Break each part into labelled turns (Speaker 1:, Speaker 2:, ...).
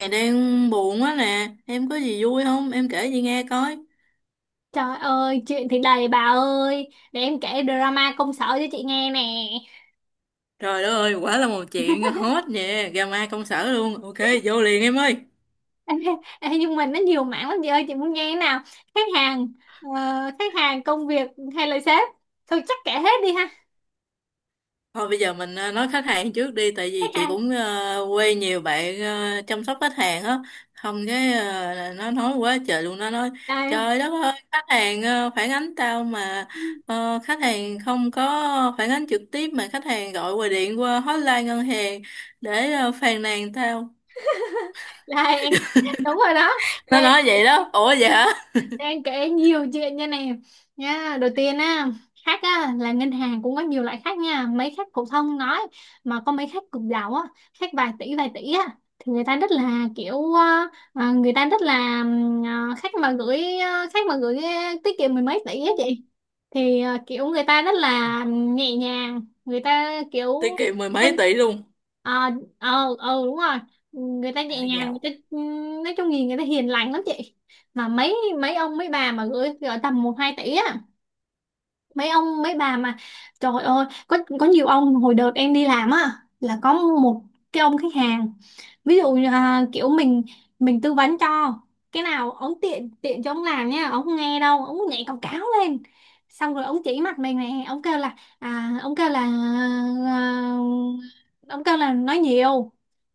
Speaker 1: Mày đang buồn quá nè, em có gì vui không? Em kể chị nghe coi.
Speaker 2: Trời ơi, chuyện thì đầy bà ơi. Để em kể drama công sở cho chị nghe nè.
Speaker 1: Trời đất ơi, quả là một chuyện hot nè, drama công sở luôn. Ok, vô liền em ơi.
Speaker 2: Ê, ê, nhưng mà nó nhiều mảng lắm chị ơi, chị muốn nghe thế nào? Khách hàng, ờ, khách hàng, công việc hay là sếp? Thôi chắc kể hết đi ha.
Speaker 1: Thôi bây giờ mình nói khách hàng trước đi, tại vì
Speaker 2: Khách
Speaker 1: chị
Speaker 2: hàng.
Speaker 1: cũng quê nhiều bạn chăm sóc khách hàng á. Không cái là nó nói quá trời luôn, nó nói
Speaker 2: Đây,
Speaker 1: trời đất ơi, khách hàng phản ánh tao mà khách hàng không có phản ánh trực tiếp mà khách hàng gọi qua điện qua hotline ngân hàng để phàn nàn tao,
Speaker 2: đây em, đúng rồi đó.
Speaker 1: nó
Speaker 2: Đây
Speaker 1: nói vậy đó. Ủa vậy hả?
Speaker 2: đang kể nhiều chuyện nha nè, nha đầu tiên á, khách á là ngân hàng cũng có nhiều loại khách nha, mấy khách phổ thông nói, mà có mấy khách cực giàu á, khách vài tỷ á thì người ta rất là kiểu người ta rất là khách mà gửi khách mà gửi tiết kiệm mười mấy tỷ á chị, thì kiểu người ta rất là nhẹ nhàng, người ta kiểu
Speaker 1: Tiết kiệm mười
Speaker 2: ờ
Speaker 1: mấy tỷ luôn?
Speaker 2: ờ ừ, đúng rồi, người ta
Speaker 1: Phải
Speaker 2: nhẹ
Speaker 1: là
Speaker 2: nhàng, người
Speaker 1: giàu.
Speaker 2: ta nói chung nhìn người ta hiền lành lắm chị. Mà mấy mấy ông mấy bà mà gửi gửi tầm một hai tỷ á, mấy ông mấy bà mà trời ơi, có nhiều ông hồi đợt em đi làm á là có một cái ông khách hàng, ví dụ như, à, kiểu mình tư vấn cho cái nào ông tiện tiện cho ông làm nha, ông không nghe đâu, ông nhảy cào cáo lên, xong rồi ông chỉ mặt mình nè, ông kêu là, ông kêu là, à, ông kêu là nói nhiều,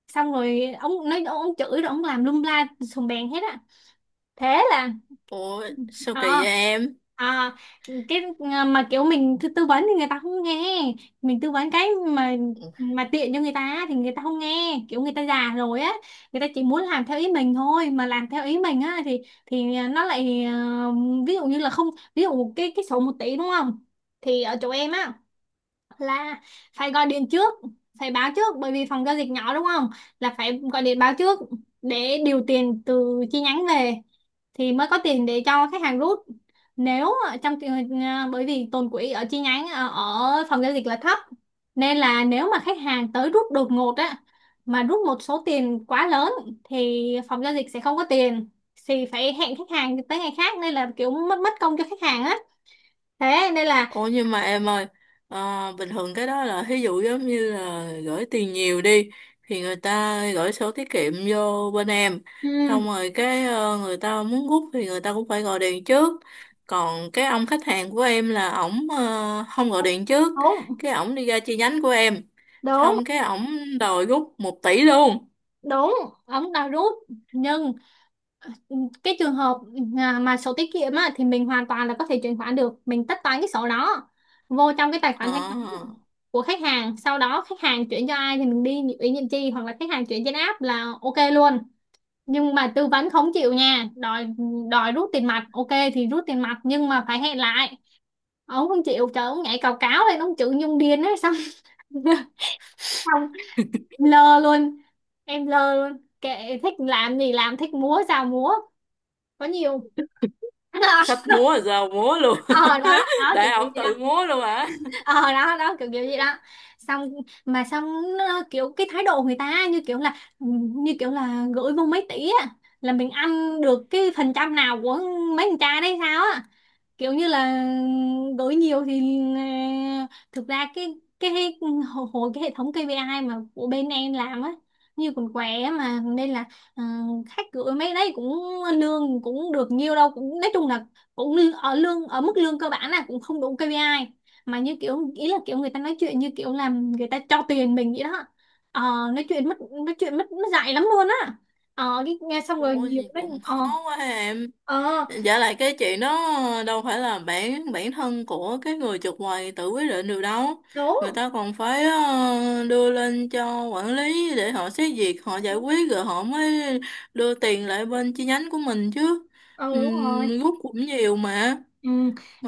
Speaker 2: xong rồi ông nói ông chửi rồi ông làm lum la sùng bèn hết á. Thế là
Speaker 1: Ủa sao kỳ vậy
Speaker 2: à
Speaker 1: em?
Speaker 2: à cái, mà kiểu mình tư tư vấn thì người ta không nghe, mình tư vấn cái mà tiện cho người ta thì người ta không nghe, kiểu người ta già rồi á, người ta chỉ muốn làm theo ý mình thôi, mà làm theo ý mình á thì nó lại ví dụ như là không, ví dụ cái sổ một tỷ đúng không, thì ở chỗ em á là phải gọi điện trước, phải báo trước bởi vì phòng giao dịch nhỏ đúng không, là phải gọi điện báo trước để điều tiền từ chi nhánh về, thì mới có tiền để cho khách hàng rút. Nếu trong trường hợp, bởi vì tồn quỹ ở chi nhánh ở phòng giao dịch là thấp, nên là nếu mà khách hàng tới rút đột ngột á, mà rút một số tiền quá lớn thì phòng giao dịch sẽ không có tiền, thì phải hẹn khách hàng tới ngày khác, nên là kiểu mất mất công cho khách hàng á. Thế nên là
Speaker 1: Ủa nhưng mà em ơi, bình thường cái đó là ví dụ giống như là gửi tiền nhiều đi thì người ta gửi sổ tiết kiệm vô bên em, xong
Speaker 2: ừ,
Speaker 1: rồi cái người ta muốn rút thì người ta cũng phải gọi điện trước. Còn cái ông khách hàng của em là ổng không gọi điện trước,
Speaker 2: đúng
Speaker 1: cái ổng đi ra chi nhánh của em,
Speaker 2: đúng
Speaker 1: xong cái ổng đòi rút một tỷ luôn.
Speaker 2: đúng ống đã rút, nhưng Ừ, cái trường hợp mà sổ tiết kiệm á, thì mình hoàn toàn là có thể chuyển khoản được, mình tất toán cái sổ đó vô trong cái tài
Speaker 1: Ờ.
Speaker 2: khoản thanh toán của khách hàng, sau đó khách hàng chuyển cho ai thì mình đi ủy nhiệm chi hoặc là khách hàng chuyển trên app là ok luôn. Nhưng mà tư vấn không chịu nha, đòi đòi rút tiền mặt, ok thì rút tiền mặt, nhưng mà phải hẹn lại. Ông không chịu, trời, ông nhảy cào cáo lên, ông chữ nhung điên ấy, xong xong lơ luôn, em lơ luôn, kệ, thích làm gì làm, thích múa sao múa, có nhiều.
Speaker 1: Thích múa giờ múa luôn.
Speaker 2: Ờ đó đó, kiểu
Speaker 1: Để
Speaker 2: kiểu
Speaker 1: ổng
Speaker 2: gì đó.
Speaker 1: tự múa luôn hả?
Speaker 2: Ờ đó đó, kiểu kiểu gì đó. Xong mà xong, nó kiểu cái thái độ người ta như kiểu là, như kiểu là gửi vô mấy tỷ á là mình ăn được cái phần trăm nào của mấy con trai đấy sao á, kiểu như là đổi nhiều thì thực ra cái hệ- hồi hồi cái hệ thống KPI mà của bên em làm á, như còn què á, mà nên là ờ, khách gửi mấy đấy cũng lương cũng được nhiều đâu, cũng nói chung là cũng lư- ở lương ở mức lương cơ bản là cũng không đủ KPI. Mà như kiểu ý là kiểu người ta nói chuyện như kiểu làm người ta cho tiền mình vậy đó. Ờ, nói chuyện mất, nói chuyện mất mất dạy lắm luôn á. Ờ cái nghe xong rồi
Speaker 1: Ủa
Speaker 2: nhiều
Speaker 1: gì
Speaker 2: cái
Speaker 1: cũng khó quá em.
Speaker 2: ờ
Speaker 1: Dạ lại cái chuyện đó đâu phải là bản bản thân của cái người chụp quầy tự quyết định được đâu. Người
Speaker 2: đúng,
Speaker 1: ta còn phải đưa lên cho quản lý để họ xét duyệt, họ giải quyết rồi họ mới đưa tiền lại bên chi nhánh của mình chứ.
Speaker 2: ừ đúng rồi,
Speaker 1: Rút cũng nhiều mà.
Speaker 2: ừ.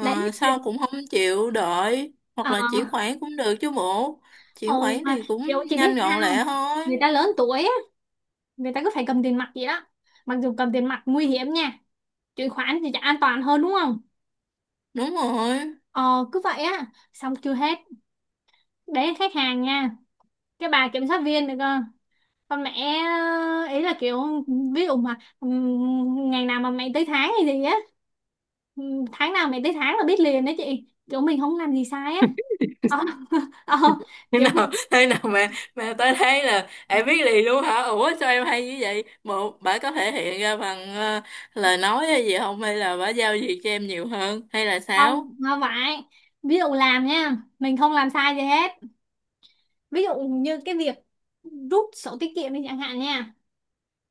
Speaker 2: Đấy chị-
Speaker 1: sao cũng không chịu đợi hoặc
Speaker 2: ờ
Speaker 1: là chuyển khoản cũng được chứ bộ,
Speaker 2: ừ,
Speaker 1: chuyển khoản
Speaker 2: mà
Speaker 1: thì cũng
Speaker 2: kiểu chị biết
Speaker 1: nhanh
Speaker 2: sao
Speaker 1: gọn
Speaker 2: không?
Speaker 1: lẹ thôi.
Speaker 2: Người ta lớn tuổi á, người ta cứ phải cầm tiền mặt vậy đó. Mặc dù cầm tiền mặt nguy hiểm nha, chuyển khoản thì chả an toàn hơn đúng không.
Speaker 1: Đúng rồi.
Speaker 2: Ờ cứ vậy á, xong chưa hết. Đấy khách hàng nha. Cái bà kiểm sát viên được cơ, con mẹ ý là kiểu ví dụ mà ngày nào mà mày tới tháng hay gì á, tháng nào mày tới tháng là biết liền đó chị, kiểu mình không làm gì sai á. Ờ, ờ,
Speaker 1: Thế
Speaker 2: Kiểu
Speaker 1: nào thế nào mà tôi thấy là em biết liền luôn hả? Ủa sao em hay như vậy? Một bà có thể hiện ra bằng lời nói hay gì không, hay là bà giao việc cho em nhiều hơn hay là
Speaker 2: không
Speaker 1: sao?
Speaker 2: không phải, ví dụ làm nha, mình không làm sai gì hết, ví dụ như cái việc rút sổ tiết kiệm đi chẳng hạn nha,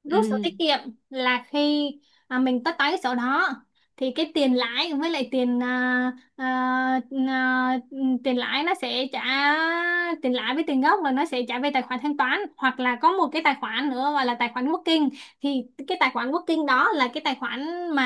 Speaker 2: rút sổ tiết
Speaker 1: Ừ.
Speaker 2: kiệm là khi mình tất toán cái sổ đó thì cái tiền lãi với lại tiền à, tiền lãi nó sẽ trả, tiền lãi với tiền gốc là nó sẽ trả về tài khoản thanh toán hoặc là có một cái tài khoản nữa gọi là tài khoản working. Thì cái tài khoản working đó là cái tài khoản mà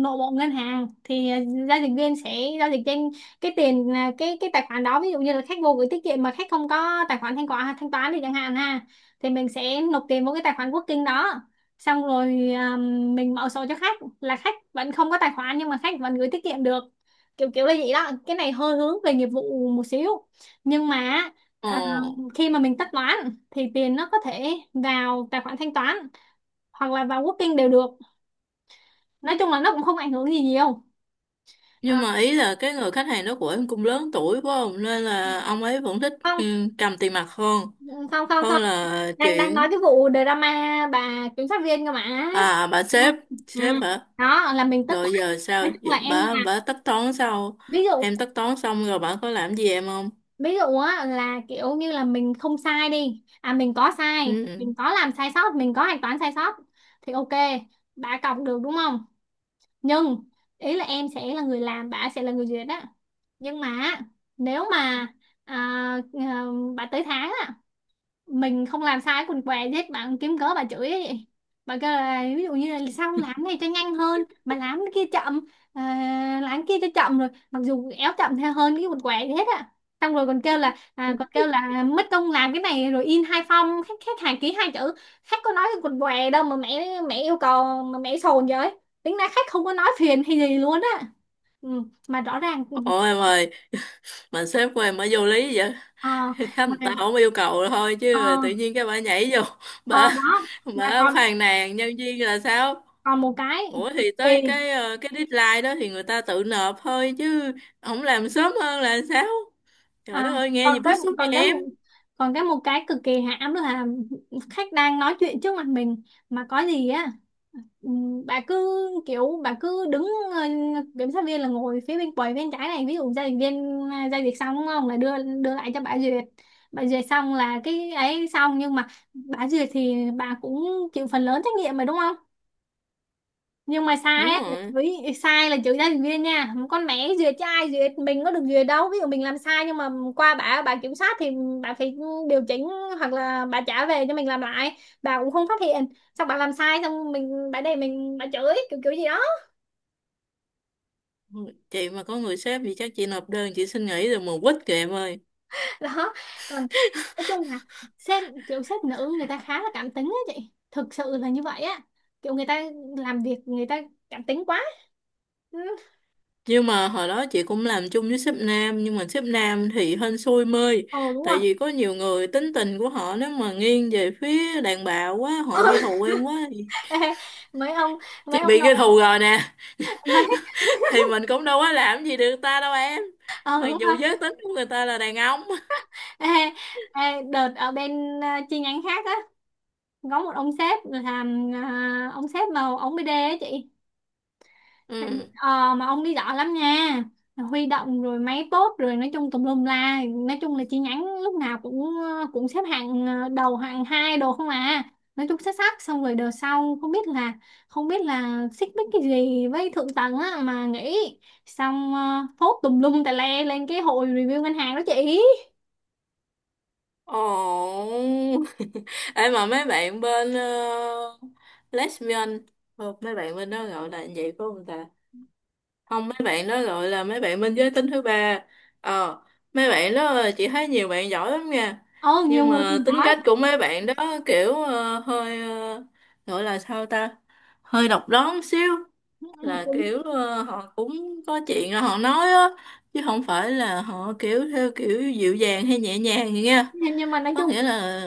Speaker 2: nội bộ ngân hàng thì giao dịch viên sẽ giao dịch trên cái tiền cái tài khoản đó, ví dụ như là khách vô gửi tiết kiệm mà khách không có tài khoản thanh toán thì chẳng hạn ha, thì mình sẽ nộp tiền vào cái tài khoản Working đó, xong rồi mình mở sổ cho khách, là khách vẫn không có tài khoản nhưng mà khách vẫn gửi tiết kiệm được. Kiểu kiểu là vậy đó, cái này hơi hướng về nghiệp vụ một xíu. Nhưng mà
Speaker 1: Ồ.
Speaker 2: à, khi mà mình tất toán thì tiền nó có thể vào tài khoản thanh toán hoặc là vào Working đều được, nói chung là nó cũng không ảnh hưởng gì nhiều. À,
Speaker 1: Nhưng mà ý là cái người khách hàng đó của em cũng lớn tuổi quá không, nên là ông ấy vẫn thích
Speaker 2: không.
Speaker 1: ừ, cầm tiền mặt hơn,
Speaker 2: Ừ, không không không,
Speaker 1: hơn là
Speaker 2: đang đang nói
Speaker 1: chuyển.
Speaker 2: cái vụ drama bà kiểm sát viên cơ mà.
Speaker 1: À bà
Speaker 2: Ừ.
Speaker 1: sếp,
Speaker 2: Ừ.
Speaker 1: sếp hả?
Speaker 2: Đó là mình tất
Speaker 1: Rồi
Speaker 2: toán,
Speaker 1: giờ
Speaker 2: nói
Speaker 1: sao?
Speaker 2: chung
Speaker 1: Giờ
Speaker 2: là em là,
Speaker 1: bà tất toán sao?
Speaker 2: ví dụ,
Speaker 1: Em tất toán xong rồi bà có làm gì em không?
Speaker 2: ví dụ á là kiểu như là mình không sai đi, à mình có sai,
Speaker 1: Ừ.
Speaker 2: mình có làm sai sót, mình có hạch toán sai sót, thì ok bà cọc được đúng không, nhưng ý là em sẽ là người làm, bà sẽ là người duyệt á. Nhưng mà nếu mà à, à, bà tới tháng á, mình không làm sai quần què gì hết, bạn kiếm cớ bà chửi ấy vậy. Bà kêu là ví dụ như là sao không làm cái này cho nhanh hơn mà làm cái kia chậm, ờ, làm cái kia cho chậm rồi, mặc dù éo chậm theo hơn cái quần què gì hết á. Xong rồi còn kêu là, còn kêu là mất công làm cái này rồi in hai phong, khách khách hàng ký hai chữ, khách có nói cái quần què đâu mà mẹ mẹ yêu cầu mà mẹ sồn vậy. Tính ra khách không có nói phiền hay gì luôn á, ừ, mà rõ ràng ừ,
Speaker 1: Ủa em ơi, mà sếp của em bà vô lý vậy?
Speaker 2: ờ
Speaker 1: Khách
Speaker 2: mà
Speaker 1: người ta không yêu cầu thôi
Speaker 2: ờ
Speaker 1: chứ tự nhiên cái bà nhảy vô,
Speaker 2: ờ
Speaker 1: bà
Speaker 2: đó. Mà
Speaker 1: bà
Speaker 2: còn
Speaker 1: phàn nàn nhân viên là sao?
Speaker 2: còn một cái
Speaker 1: Ủa thì tới
Speaker 2: kỳ,
Speaker 1: cái cái deadline đó thì người ta tự nộp thôi chứ, không làm sớm hơn là sao? Trời
Speaker 2: À,
Speaker 1: đất ơi nghe gì
Speaker 2: còn
Speaker 1: bức
Speaker 2: cái
Speaker 1: xúc vậy
Speaker 2: còn cái
Speaker 1: em?
Speaker 2: một còn cái một cái cực kỳ hãm là khách đang nói chuyện trước mặt mình mà có gì á, bà cứ, kiểu bà cứ đứng ờ, kiểm sát viên là ngồi phía bên quầy bên trái này, ví dụ giao dịch viên giao dịch xong đúng không là đưa, đưa lại cho bà duyệt. Bà duyệt xong là cái ấy xong, nhưng mà bà duyệt thì bà cũng chịu phần lớn trách nhiệm mà đúng không, nhưng mà sai
Speaker 1: Đúng
Speaker 2: á là
Speaker 1: rồi.
Speaker 2: chửi, sai là chửi gia đình viên nha, con mẹ duyệt cho ai duyệt, mình có được duyệt đâu, ví dụ mình làm sai nhưng mà qua bà kiểm soát thì bà phải điều chỉnh hoặc là bà trả về cho mình làm lại, bà cũng không phát hiện, xong bà làm sai, xong mình bà để mình bà chửi kiểu kiểu gì đó.
Speaker 1: Chị mà có người sếp thì chắc chị nộp đơn chị xin nghỉ rồi mà quýt kìa em ơi.
Speaker 2: Đó, còn nói chung là sếp, kiểu sếp nữ người ta khá là cảm tính á chị, thực sự là như vậy á, kiểu người ta làm việc người ta cảm tính quá. Ừ.
Speaker 1: Nhưng mà hồi đó chị cũng làm chung với sếp nam, nhưng mà sếp nam thì hên xui mơi,
Speaker 2: Ồ đúng rồi.
Speaker 1: tại vì có nhiều người tính tình của họ nếu mà nghiêng về phía đàn bà quá, họ ghi thù em quá thì,
Speaker 2: Ê, mấy ông,
Speaker 1: chị
Speaker 2: mấy ông
Speaker 1: bị ghi
Speaker 2: nội,
Speaker 1: thù rồi nè.
Speaker 2: mấy
Speaker 1: Thì mình cũng đâu có làm gì được ta đâu em,
Speaker 2: ờ
Speaker 1: mặc
Speaker 2: đúng
Speaker 1: dù
Speaker 2: rồi.
Speaker 1: giới tính của người ta là đàn ông.
Speaker 2: Ê, ê, đợt ở bên chi nhánh khác á, có một ông sếp làm, ông sếp mà ông BD á chị,
Speaker 1: Ừ.
Speaker 2: ờ mà ông đi giỏi lắm nha, huy động rồi máy tốt rồi nói chung tùm lum la, nói chung là chi nhánh lúc nào cũng cũng xếp hạng đầu hạng hai đồ không à, nói chung xuất sắc. Xong rồi đợt sau không biết là, không biết là xích mích cái gì với thượng tầng á mà nghỉ, xong phốt tùm lum tà le lên cái hội review ngân hàng đó chị.
Speaker 1: Ồ. Em mà mấy bạn bên lesbian, không mấy bạn bên đó gọi là như vậy phải không ta, không mấy bạn đó gọi là mấy bạn bên giới tính thứ ba, ờ, mấy bạn đó chị thấy nhiều bạn giỏi lắm nha.
Speaker 2: Ờ nhiều
Speaker 1: Nhưng
Speaker 2: người
Speaker 1: mà
Speaker 2: cùng
Speaker 1: tính
Speaker 2: giỏi.
Speaker 1: cách của mấy bạn đó kiểu gọi là sao ta, hơi độc đoán xíu,
Speaker 2: Ừ,
Speaker 1: là
Speaker 2: cũng
Speaker 1: kiểu họ cũng có chuyện rồi họ nói á, chứ không phải là họ kiểu theo kiểu dịu dàng hay nhẹ nhàng gì nha,
Speaker 2: nhưng mà nói
Speaker 1: có
Speaker 2: chung,
Speaker 1: nghĩa là,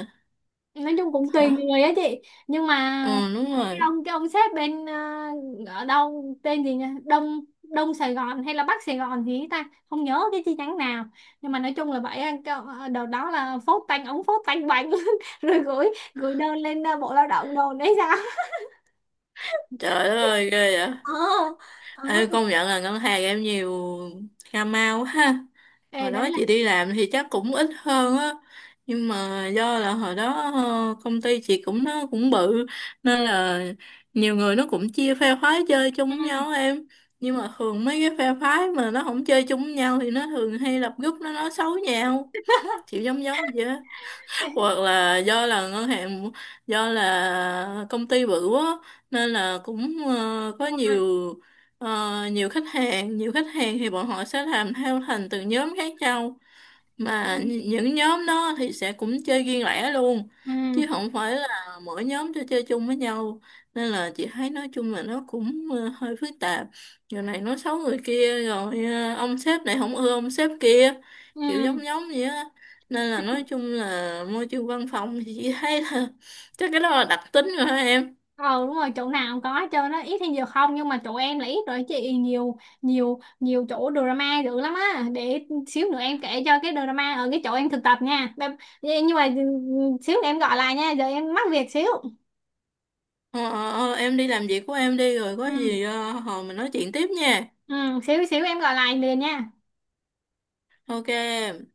Speaker 2: nói chung cũng tùy
Speaker 1: hả,
Speaker 2: người á chị. Nhưng mà
Speaker 1: ừ đúng
Speaker 2: cái
Speaker 1: rồi.
Speaker 2: ông cái ông sếp bên ở đâu tên gì nhỉ, Đông, Đông Sài Gòn hay là Bắc Sài Gòn gì ấy ta, không nhớ cái chi nhánh nào, nhưng mà nói chung là vậy á, cái, đợt đó là phốt tanh ống phốt tanh bành rồi gửi, gửi đơn lên Bộ Lao động đồn đấy sao.
Speaker 1: Trời đất ơi ghê vậy.
Speaker 2: Ờ ờ.
Speaker 1: Ê, công nhận là ngân hàng em nhiều cà mau ha.
Speaker 2: Ê,
Speaker 1: Hồi
Speaker 2: đấy
Speaker 1: đó
Speaker 2: là
Speaker 1: chị đi làm thì chắc cũng ít hơn á, nhưng mà do là hồi đó công ty chị cũng nó cũng bự, nên là nhiều người nó cũng chia phe phái chơi
Speaker 2: ừ.
Speaker 1: chung với nhau em. Nhưng mà thường mấy cái phe phái mà nó không chơi chung với nhau thì nó thường hay lập group nó nói xấu nhau, kiểu giống giống vậy.
Speaker 2: Ê,
Speaker 1: Hoặc là do là ngân hàng, do là công ty bự quá, nên là cũng có
Speaker 2: đúng rồi.
Speaker 1: nhiều nhiều khách hàng, nhiều khách hàng thì bọn họ sẽ làm theo thành từng nhóm khác nhau,
Speaker 2: Ừ.
Speaker 1: mà những nhóm đó thì sẽ cũng chơi riêng lẻ luôn,
Speaker 2: Ừ.
Speaker 1: chứ không phải là mỗi nhóm cho chơi chung với nhau. Nên là chị thấy nói chung là nó cũng hơi phức tạp, giờ này nói xấu người kia rồi ông sếp này không ưa ông sếp kia,
Speaker 2: Ừ.
Speaker 1: kiểu giống giống vậy á. Nên là nói chung là môi trường văn phòng thì chị thấy là chắc cái đó là đặc tính rồi hả em.
Speaker 2: Ừ đúng rồi, chỗ nào cũng có hết trơn á, ít hay nhiều không, nhưng mà chỗ em là ít rồi chị, nhiều nhiều nhiều chỗ drama dữ lắm á. Để xíu nữa em kể cho cái drama ở cái chỗ em thực tập nha. Bye- nhưng mà ừ, xíu nữa em gọi lại nha, giờ em mắc việc xíu.
Speaker 1: Ờ, em đi làm việc của em đi, rồi có
Speaker 2: Ừ,
Speaker 1: gì hồi mình nói chuyện tiếp nha.
Speaker 2: ừ, xíu xíu em gọi lại liền nha.
Speaker 1: Ok em.